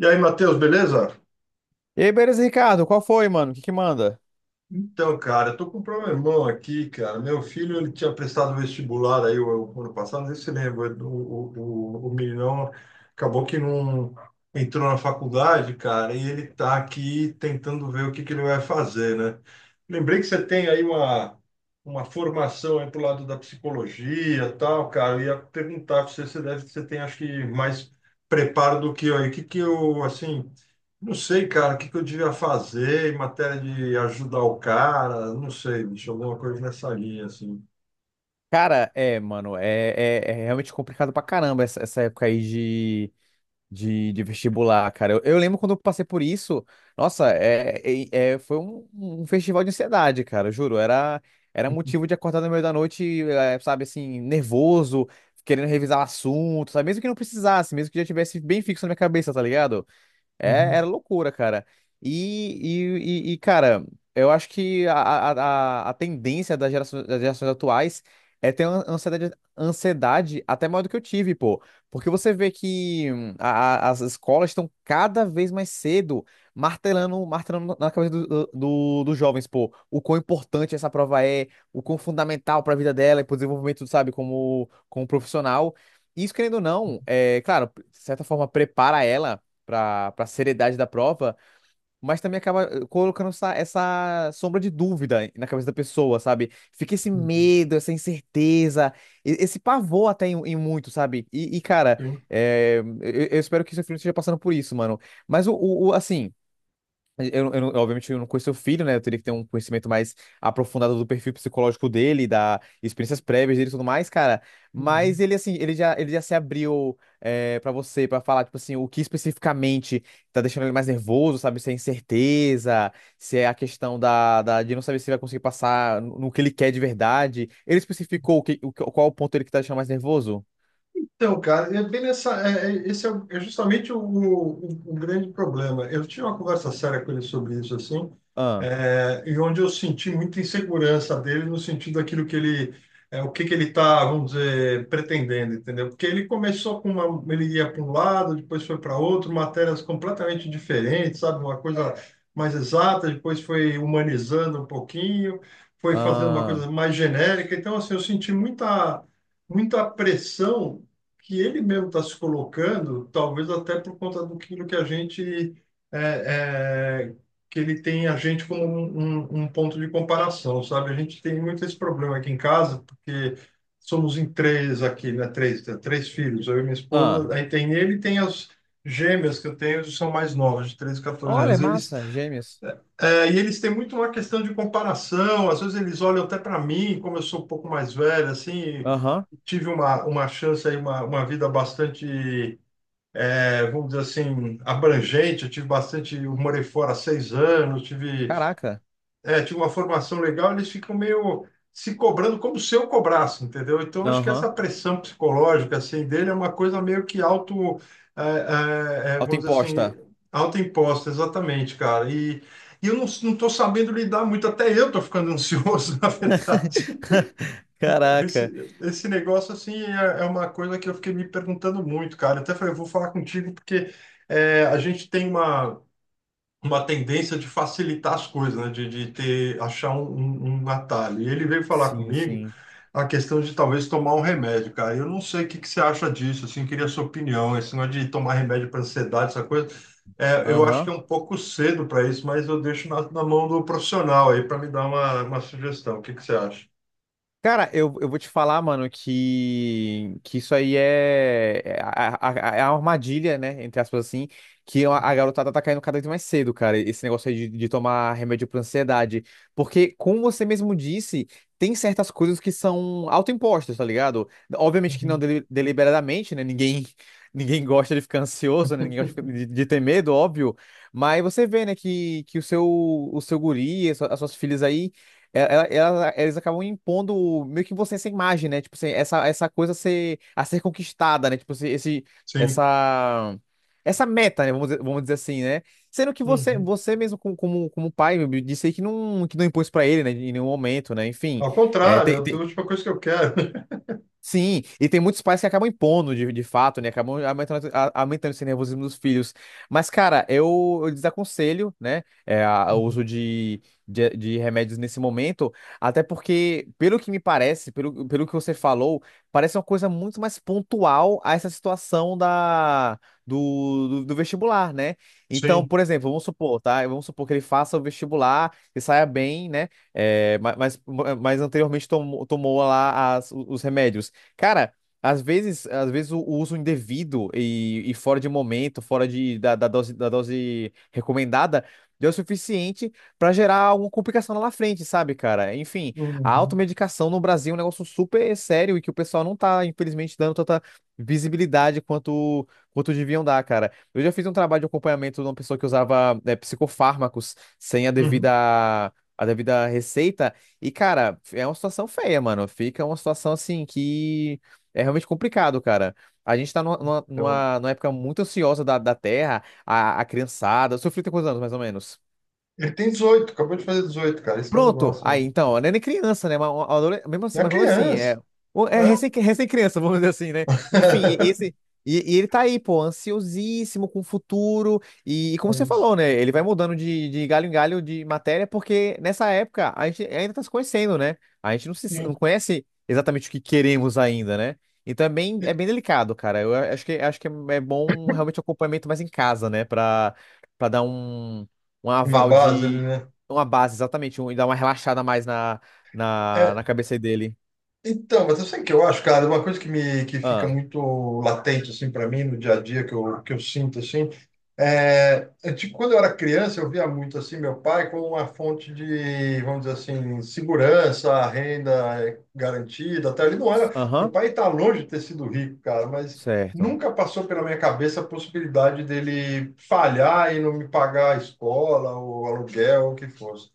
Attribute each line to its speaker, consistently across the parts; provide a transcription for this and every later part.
Speaker 1: E aí, Matheus, beleza?
Speaker 2: E aí, beleza, Ricardo? Qual foi, mano? O que que manda?
Speaker 1: Então, cara, eu tô com um problemão aqui, cara. Meu filho, ele tinha prestado vestibular aí o ano passado, não sei se você lembra, o meninão acabou que não entrou na faculdade, cara, e ele tá aqui tentando ver o que que ele vai fazer, né? Lembrei que você tem aí uma formação aí pro lado da psicologia e tal, cara. Eu ia perguntar pra você, você deve, você tem, acho que, mais preparo do que eu aí. O que que eu, assim. Não sei, cara, o que que eu devia fazer em matéria de ajudar o cara, não sei, bicho, alguma coisa nessa linha, assim.
Speaker 2: Cara, mano, é realmente complicado pra caramba essa, essa época aí de, de vestibular, cara. Eu lembro quando eu passei por isso. Nossa, foi um festival de ansiedade, cara, eu juro. Era motivo de acordar no meio da noite, sabe, assim, nervoso, querendo revisar o assunto, sabe? Mesmo que não precisasse, mesmo que já tivesse bem fixo na minha cabeça, tá ligado? É,
Speaker 1: Uhum,
Speaker 2: era loucura, cara. E, e, cara, eu acho que a tendência das gerações atuais é ter uma ansiedade até maior do que eu tive, pô. Porque você vê que as escolas estão cada vez mais cedo martelando, martelando na cabeça dos jovens, pô, o quão importante essa prova é, o quão fundamental para a vida dela e para o desenvolvimento, sabe, como profissional. Isso, querendo ou não, é claro, de certa forma, prepara ela pra seriedade da prova, mas também acaba colocando essa sombra de dúvida na cabeça da pessoa, sabe? Fica esse
Speaker 1: uhum,
Speaker 2: medo, essa incerteza, esse pavor até em muito, sabe? E, cara,
Speaker 1: Sim.
Speaker 2: eu espero que seu filho esteja passando por isso, mano. Mas assim. Eu não- obviamente, eu não conheço o filho, né? Eu teria que ter um conhecimento mais aprofundado do perfil psicológico dele, da experiências prévias dele e tudo mais, cara.
Speaker 1: Uhum.
Speaker 2: Mas ele, assim, ele já se abriu para você, pra falar, tipo assim, o que especificamente tá deixando ele mais nervoso, sabe? Se é incerteza, se é a questão de não saber se vai conseguir passar no que ele quer de verdade. Ele especificou qual o ponto ele que tá deixando mais nervoso?
Speaker 1: Então, cara, é bem nessa, esse é, é justamente o grande problema. Eu tinha uma conversa séria com ele sobre isso, assim,
Speaker 2: Ah,
Speaker 1: e onde eu senti muita insegurança dele no sentido daquilo que ele, o que que ele está, vamos dizer, pretendendo, entendeu? Porque ele começou com uma, ele ia para um lado, depois foi para outro, matérias completamente diferentes, sabe? Uma coisa mais exata, depois foi humanizando um pouquinho, foi fazendo uma
Speaker 2: ah,
Speaker 1: coisa mais genérica. Então, assim, eu senti muita pressão que ele mesmo está se colocando, talvez até por conta do que a gente é, é, que ele tem a gente como um, um ponto de comparação, sabe? A gente tem muito esse problema aqui em casa, porque somos em três aqui, né? Três, três filhos, eu e minha
Speaker 2: ah.
Speaker 1: esposa, aí tem ele e tem as gêmeas que eu tenho, que são mais novas, de 13, 14
Speaker 2: Olha,
Speaker 1: anos. Eles,
Speaker 2: massa, gêmeos.
Speaker 1: e eles têm muito uma questão de comparação, às vezes eles olham até para mim, como eu sou um pouco mais velho, assim,
Speaker 2: Aham,
Speaker 1: tive uma chance aí, uma vida bastante, vamos dizer assim, abrangente. Eu tive bastante, eu morei fora há 6 anos, tive,
Speaker 2: caraca.
Speaker 1: tive uma formação legal, eles ficam meio se cobrando como se eu cobrasse, entendeu? Então, acho que
Speaker 2: Aham.
Speaker 1: essa pressão psicológica, assim, dele é uma coisa meio que auto, vamos dizer assim,
Speaker 2: Autoimposta.
Speaker 1: autoimposta, exatamente, cara. E eu não estou sabendo lidar muito, até eu estou ficando ansioso, na verdade.
Speaker 2: Caraca.
Speaker 1: Esse negócio, assim, é, é uma coisa que eu fiquei me perguntando muito, cara. Até falei, eu vou falar contigo porque a gente tem uma tendência de facilitar as coisas, né? De ter, achar um, um, um atalho. E ele veio falar
Speaker 2: Sim,
Speaker 1: comigo
Speaker 2: sim.
Speaker 1: a questão de talvez tomar um remédio, cara. Eu não sei o que que você acha disso, assim, queria a sua opinião. Esse negócio de tomar remédio para ansiedade, essa coisa, eu acho que
Speaker 2: Aham.
Speaker 1: é um pouco cedo para isso, mas eu deixo na, na mão do profissional aí para me dar uma sugestão. O que que você acha?
Speaker 2: Cara, eu vou te falar, mano, que isso aí é a armadilha, né? Entre aspas, assim, que a garotada tá caindo cada vez mais cedo, cara. Esse negócio aí de tomar remédio pra ansiedade. Porque, como você mesmo disse, tem certas coisas que são autoimpostas, tá ligado? Obviamente que não
Speaker 1: Uhum.
Speaker 2: deliberadamente, né? Ninguém, ninguém gosta de ficar ansioso, né? Ninguém gosta de ter medo, óbvio. Mas você vê, né, que o seu guri, as suas filhas aí. Eles acabam impondo meio que você essa imagem, né? Tipo, assim, essa coisa a ser conquistada, né? Tipo, assim,
Speaker 1: Sim.
Speaker 2: essa, essa meta, né? Vamos dizer assim, né? Sendo que você,
Speaker 1: Uhum.
Speaker 2: você mesmo, como pai, disse aí que não impôs pra ele, né? Em nenhum momento, né? Enfim,
Speaker 1: Ao
Speaker 2: é
Speaker 1: contrário, é a
Speaker 2: tem, tem-
Speaker 1: última coisa que eu quero.
Speaker 2: Sim, e tem muitos pais que acabam impondo de fato, né? Acabam aumentando esse nervosismo dos filhos. Mas, cara, eu desaconselho, né? O
Speaker 1: Uhum.
Speaker 2: uso de remédios nesse momento, até porque, pelo que me parece, pelo que você falou, parece uma coisa muito mais pontual a essa situação do vestibular, né? Então,
Speaker 1: Sim.
Speaker 2: por exemplo, vamos supor, tá? Vamos supor que ele faça o vestibular e saia bem, né? Mas anteriormente tomou lá os remédios. Cara, às vezes o uso indevido e fora de momento, fora de, da, da dose recomendada, deu o suficiente pra gerar alguma complicação lá na frente, sabe, cara? Enfim, a
Speaker 1: Uhum.
Speaker 2: automedicação no Brasil é um negócio super sério e que o pessoal não tá, infelizmente, dando tanta visibilidade quanto deviam dar, cara. Eu já fiz um trabalho de acompanhamento de uma pessoa que usava, psicofármacos sem a
Speaker 1: Uhum.
Speaker 2: devida, a devida receita. E, cara, é uma situação feia, mano. Fica uma situação assim que é realmente complicado, cara. A gente tá numa, numa,
Speaker 1: Então,
Speaker 2: numa numa época muito ansiosa da Terra, a criançada. O seu filho tem quantos anos, mais ou menos?
Speaker 1: ele tem 18, acabou de fazer 18, cara. Isso que é o
Speaker 2: Pronto.
Speaker 1: negócio, né?
Speaker 2: Aí, então, não é nem criança, né? Mas, mesmo
Speaker 1: É
Speaker 2: assim,
Speaker 1: a
Speaker 2: mas mesmo assim,
Speaker 1: criança. Né?
Speaker 2: é recém-criança, vamos dizer assim, né? Enfim, e esse. E ele tá aí, pô, ansiosíssimo com o futuro. E
Speaker 1: É
Speaker 2: como você
Speaker 1: isso.
Speaker 2: falou, né? Ele vai mudando de galho em galho de matéria, porque nessa época a gente ainda tá se conhecendo, né? A gente
Speaker 1: E-
Speaker 2: não conhece exatamente o que queremos ainda, né? Então é bem, é
Speaker 1: e-
Speaker 2: bem delicado, cara. Eu acho que é bom realmente o acompanhamento mais em casa, né? Pra dar um
Speaker 1: Uma
Speaker 2: aval
Speaker 1: base ali, né?
Speaker 2: uma base, exatamente, um, e dá uma relaxada mais na, na,
Speaker 1: É,
Speaker 2: na cabeça dele.
Speaker 1: então, mas eu sei que eu acho, cara, uma coisa que me que fica
Speaker 2: Ah,
Speaker 1: muito latente assim para mim no dia a dia que eu sinto assim, é, é tipo, quando eu era criança, eu via muito assim meu pai como uma fonte de, vamos dizer assim, segurança, renda garantida. Até ele não era. Meu
Speaker 2: aham,
Speaker 1: pai está longe de ter sido rico, cara, mas
Speaker 2: certo.
Speaker 1: nunca passou pela minha cabeça a possibilidade dele falhar e não me pagar a escola, o aluguel, o que fosse.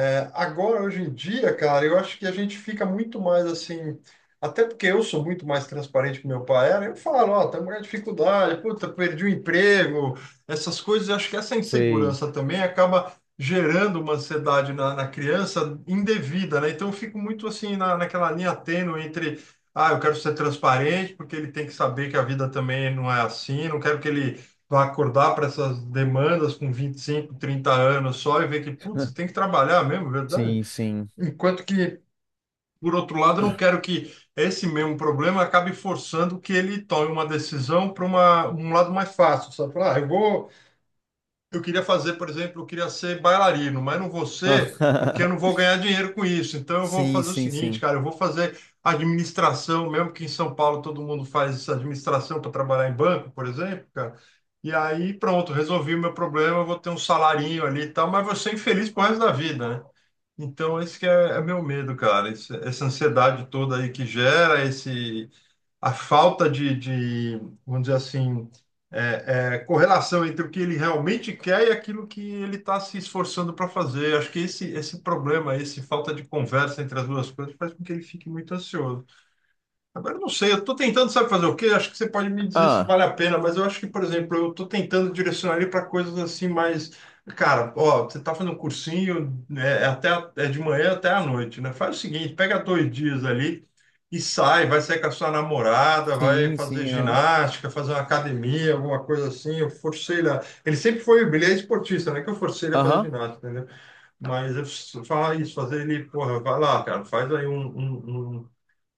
Speaker 1: É, agora, hoje em dia, cara, eu acho que a gente fica muito mais assim. Até porque eu sou muito mais transparente que meu pai era, eu falo, ó, estamos com dificuldade, puta, perdi o emprego, essas coisas, eu acho que essa
Speaker 2: Sei.
Speaker 1: insegurança também acaba gerando uma ansiedade na, na criança indevida, né? Então eu fico muito assim na, naquela linha tênue entre, ah, eu quero ser transparente, porque ele tem que saber que a vida também não é assim, não quero que ele vai acordar para essas demandas com 25, 30 anos só e ver que, putz, você tem que trabalhar mesmo, é verdade?
Speaker 2: Sim, sim.
Speaker 1: Enquanto que, por outro lado, eu não quero que esse mesmo problema acabe forçando que ele tome uma decisão para uma um lado mais fácil, sabe? Falar, ah, eu vou, eu queria fazer, por exemplo, eu queria ser bailarino, mas não vou ser porque eu
Speaker 2: Ah,
Speaker 1: não vou ganhar dinheiro com isso. Então eu vou
Speaker 2: sim,
Speaker 1: fazer o
Speaker 2: sim,
Speaker 1: seguinte,
Speaker 2: sim.
Speaker 1: cara, eu vou fazer administração, mesmo que em São Paulo todo mundo faz essa administração para trabalhar em banco, por exemplo, cara. E aí pronto, resolvi o meu problema, eu vou ter um salarinho ali e tal, mas vou ser infeliz pro resto da vida, né? Então esse que é, é meu medo, cara, essa ansiedade toda aí que gera esse a falta de, vamos dizer assim, correlação entre o que ele realmente quer e aquilo que ele está se esforçando para fazer. Acho que esse problema, esse falta de conversa entre as duas coisas, faz com que ele fique muito ansioso. Agora, eu não sei, eu estou tentando, sabe fazer o quê? Acho que você pode me dizer se
Speaker 2: Ah,
Speaker 1: vale a pena, mas eu acho que, por exemplo, eu estou tentando direcionar ele para coisas assim mais. Cara, ó, você está fazendo um cursinho, até, é de manhã até à noite, né? Faz o seguinte, pega dois dias ali e sai, vai sair com a sua namorada, vai
Speaker 2: sim,
Speaker 1: fazer
Speaker 2: sim, aham.
Speaker 1: ginástica, fazer uma academia, alguma coisa assim. Eu forcei ele a... Ele sempre foi, ele é esportista, né? Que eu forcei ele a fazer
Speaker 2: Aham.
Speaker 1: ginástica, entendeu? Mas eu falar isso, fazer ele, porra, vai lá, cara, faz aí um, um, um.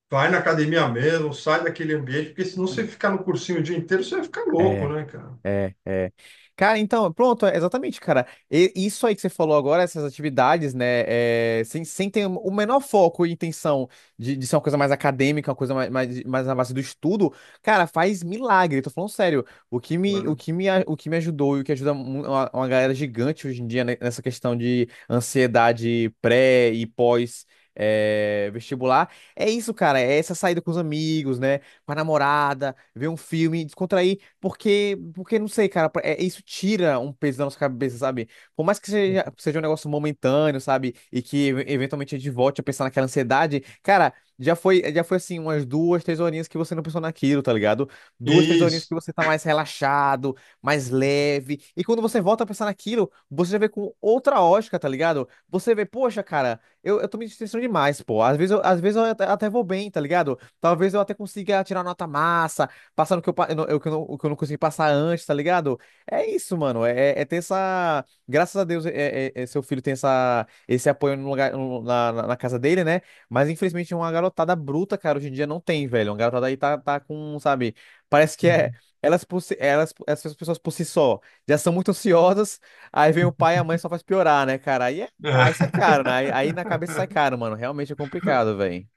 Speaker 1: Vai na academia mesmo, sai daquele ambiente, porque senão você ficar no cursinho o dia inteiro, você vai ficar louco,
Speaker 2: É.
Speaker 1: né, cara?
Speaker 2: É, é. Cara, então, pronto, é exatamente, cara. Isso aí que você falou agora, essas atividades, né, sem ter o menor foco e intenção de ser uma coisa mais acadêmica, uma coisa mais na base do estudo, cara, faz milagre, tô falando sério.
Speaker 1: Claro.
Speaker 2: O que me ajudou e o que ajuda uma galera gigante hoje em dia, né, nessa questão de ansiedade pré e pós. Vestibular, é isso, cara. É essa saída com os amigos, né? Com a namorada, ver um filme, descontrair. Porque não sei, cara, isso tira um peso da nossa cabeça, sabe? Por mais que seja um negócio momentâneo, sabe? E que eventualmente a gente volte a pensar naquela ansiedade, cara, já foi assim, umas 2, 3 horinhas que você não pensou naquilo, tá ligado? 2, 3 horinhas
Speaker 1: Isso.
Speaker 2: que você tá mais relaxado, mais leve. E quando você volta a pensar naquilo, você já vê com outra ótica, tá ligado? Você vê, poxa, cara, eu tô me distanciando demais, pô. Às vezes eu até vou bem, tá ligado? Talvez eu até consiga tirar nota massa passando o que eu, pa- eu não- o que eu não consegui passar antes, tá ligado? É isso, mano. É ter essa. Graças a Deus, seu filho tem esse apoio no lugar, na casa dele, né? Mas infelizmente uma garotada bruta, cara, hoje em dia não tem, velho. Uma garotada aí tá com, sabe? Parece que é. Elas, por si- elas, Essas pessoas por si só já são muito ansiosas, aí vem o pai e a mãe só faz piorar, né, cara? Aí sai caro, né? Aí na cabeça sai
Speaker 1: É.
Speaker 2: caro, mano. Realmente é complicado, velho.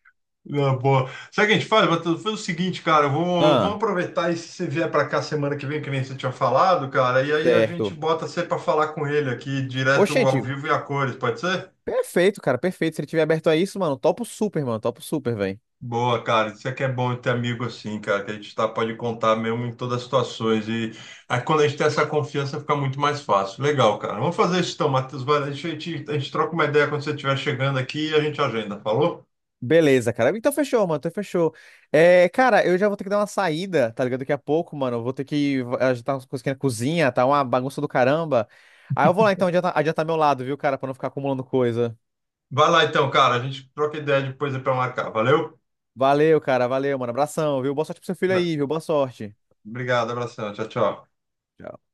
Speaker 1: Não, boa. Sabe o que a gente faz, Matheus? Faz o seguinte, cara, eu vou, vamos
Speaker 2: Ah,
Speaker 1: aproveitar e se você vier para cá semana que vem, que nem você tinha falado, cara, e aí a gente
Speaker 2: certo.
Speaker 1: bota você para falar com ele aqui, direto ao
Speaker 2: Oxente.
Speaker 1: vivo e a cores, pode ser?
Speaker 2: Perfeito, cara, perfeito. Se ele tiver aberto a isso, mano, topo super, velho.
Speaker 1: Boa, cara. Isso é que é bom ter amigo assim, cara, que a gente tá, pode contar mesmo em todas as situações. E aí, quando a gente tem essa confiança, fica muito mais fácil. Legal, cara. Vamos fazer isso então, Matheus. Vai, a gente troca uma ideia quando você estiver chegando aqui e a gente agenda, falou?
Speaker 2: Beleza, cara. Então fechou, mano, então fechou. Cara, eu já vou ter que dar uma saída, tá ligado? Daqui a pouco, mano, eu vou ter que ajeitar umas coisas aqui na cozinha, tá uma bagunça do caramba. Aí eu vou lá então adiantar meu lado, viu, cara, pra não ficar acumulando coisa.
Speaker 1: Vai lá então, cara. A gente troca ideia depois para marcar. Valeu?
Speaker 2: Valeu, cara, valeu, mano. Abração, viu? Boa sorte pro seu filho aí, viu? Boa sorte.
Speaker 1: Obrigado, abração. Tchau, tchau.
Speaker 2: Tchau.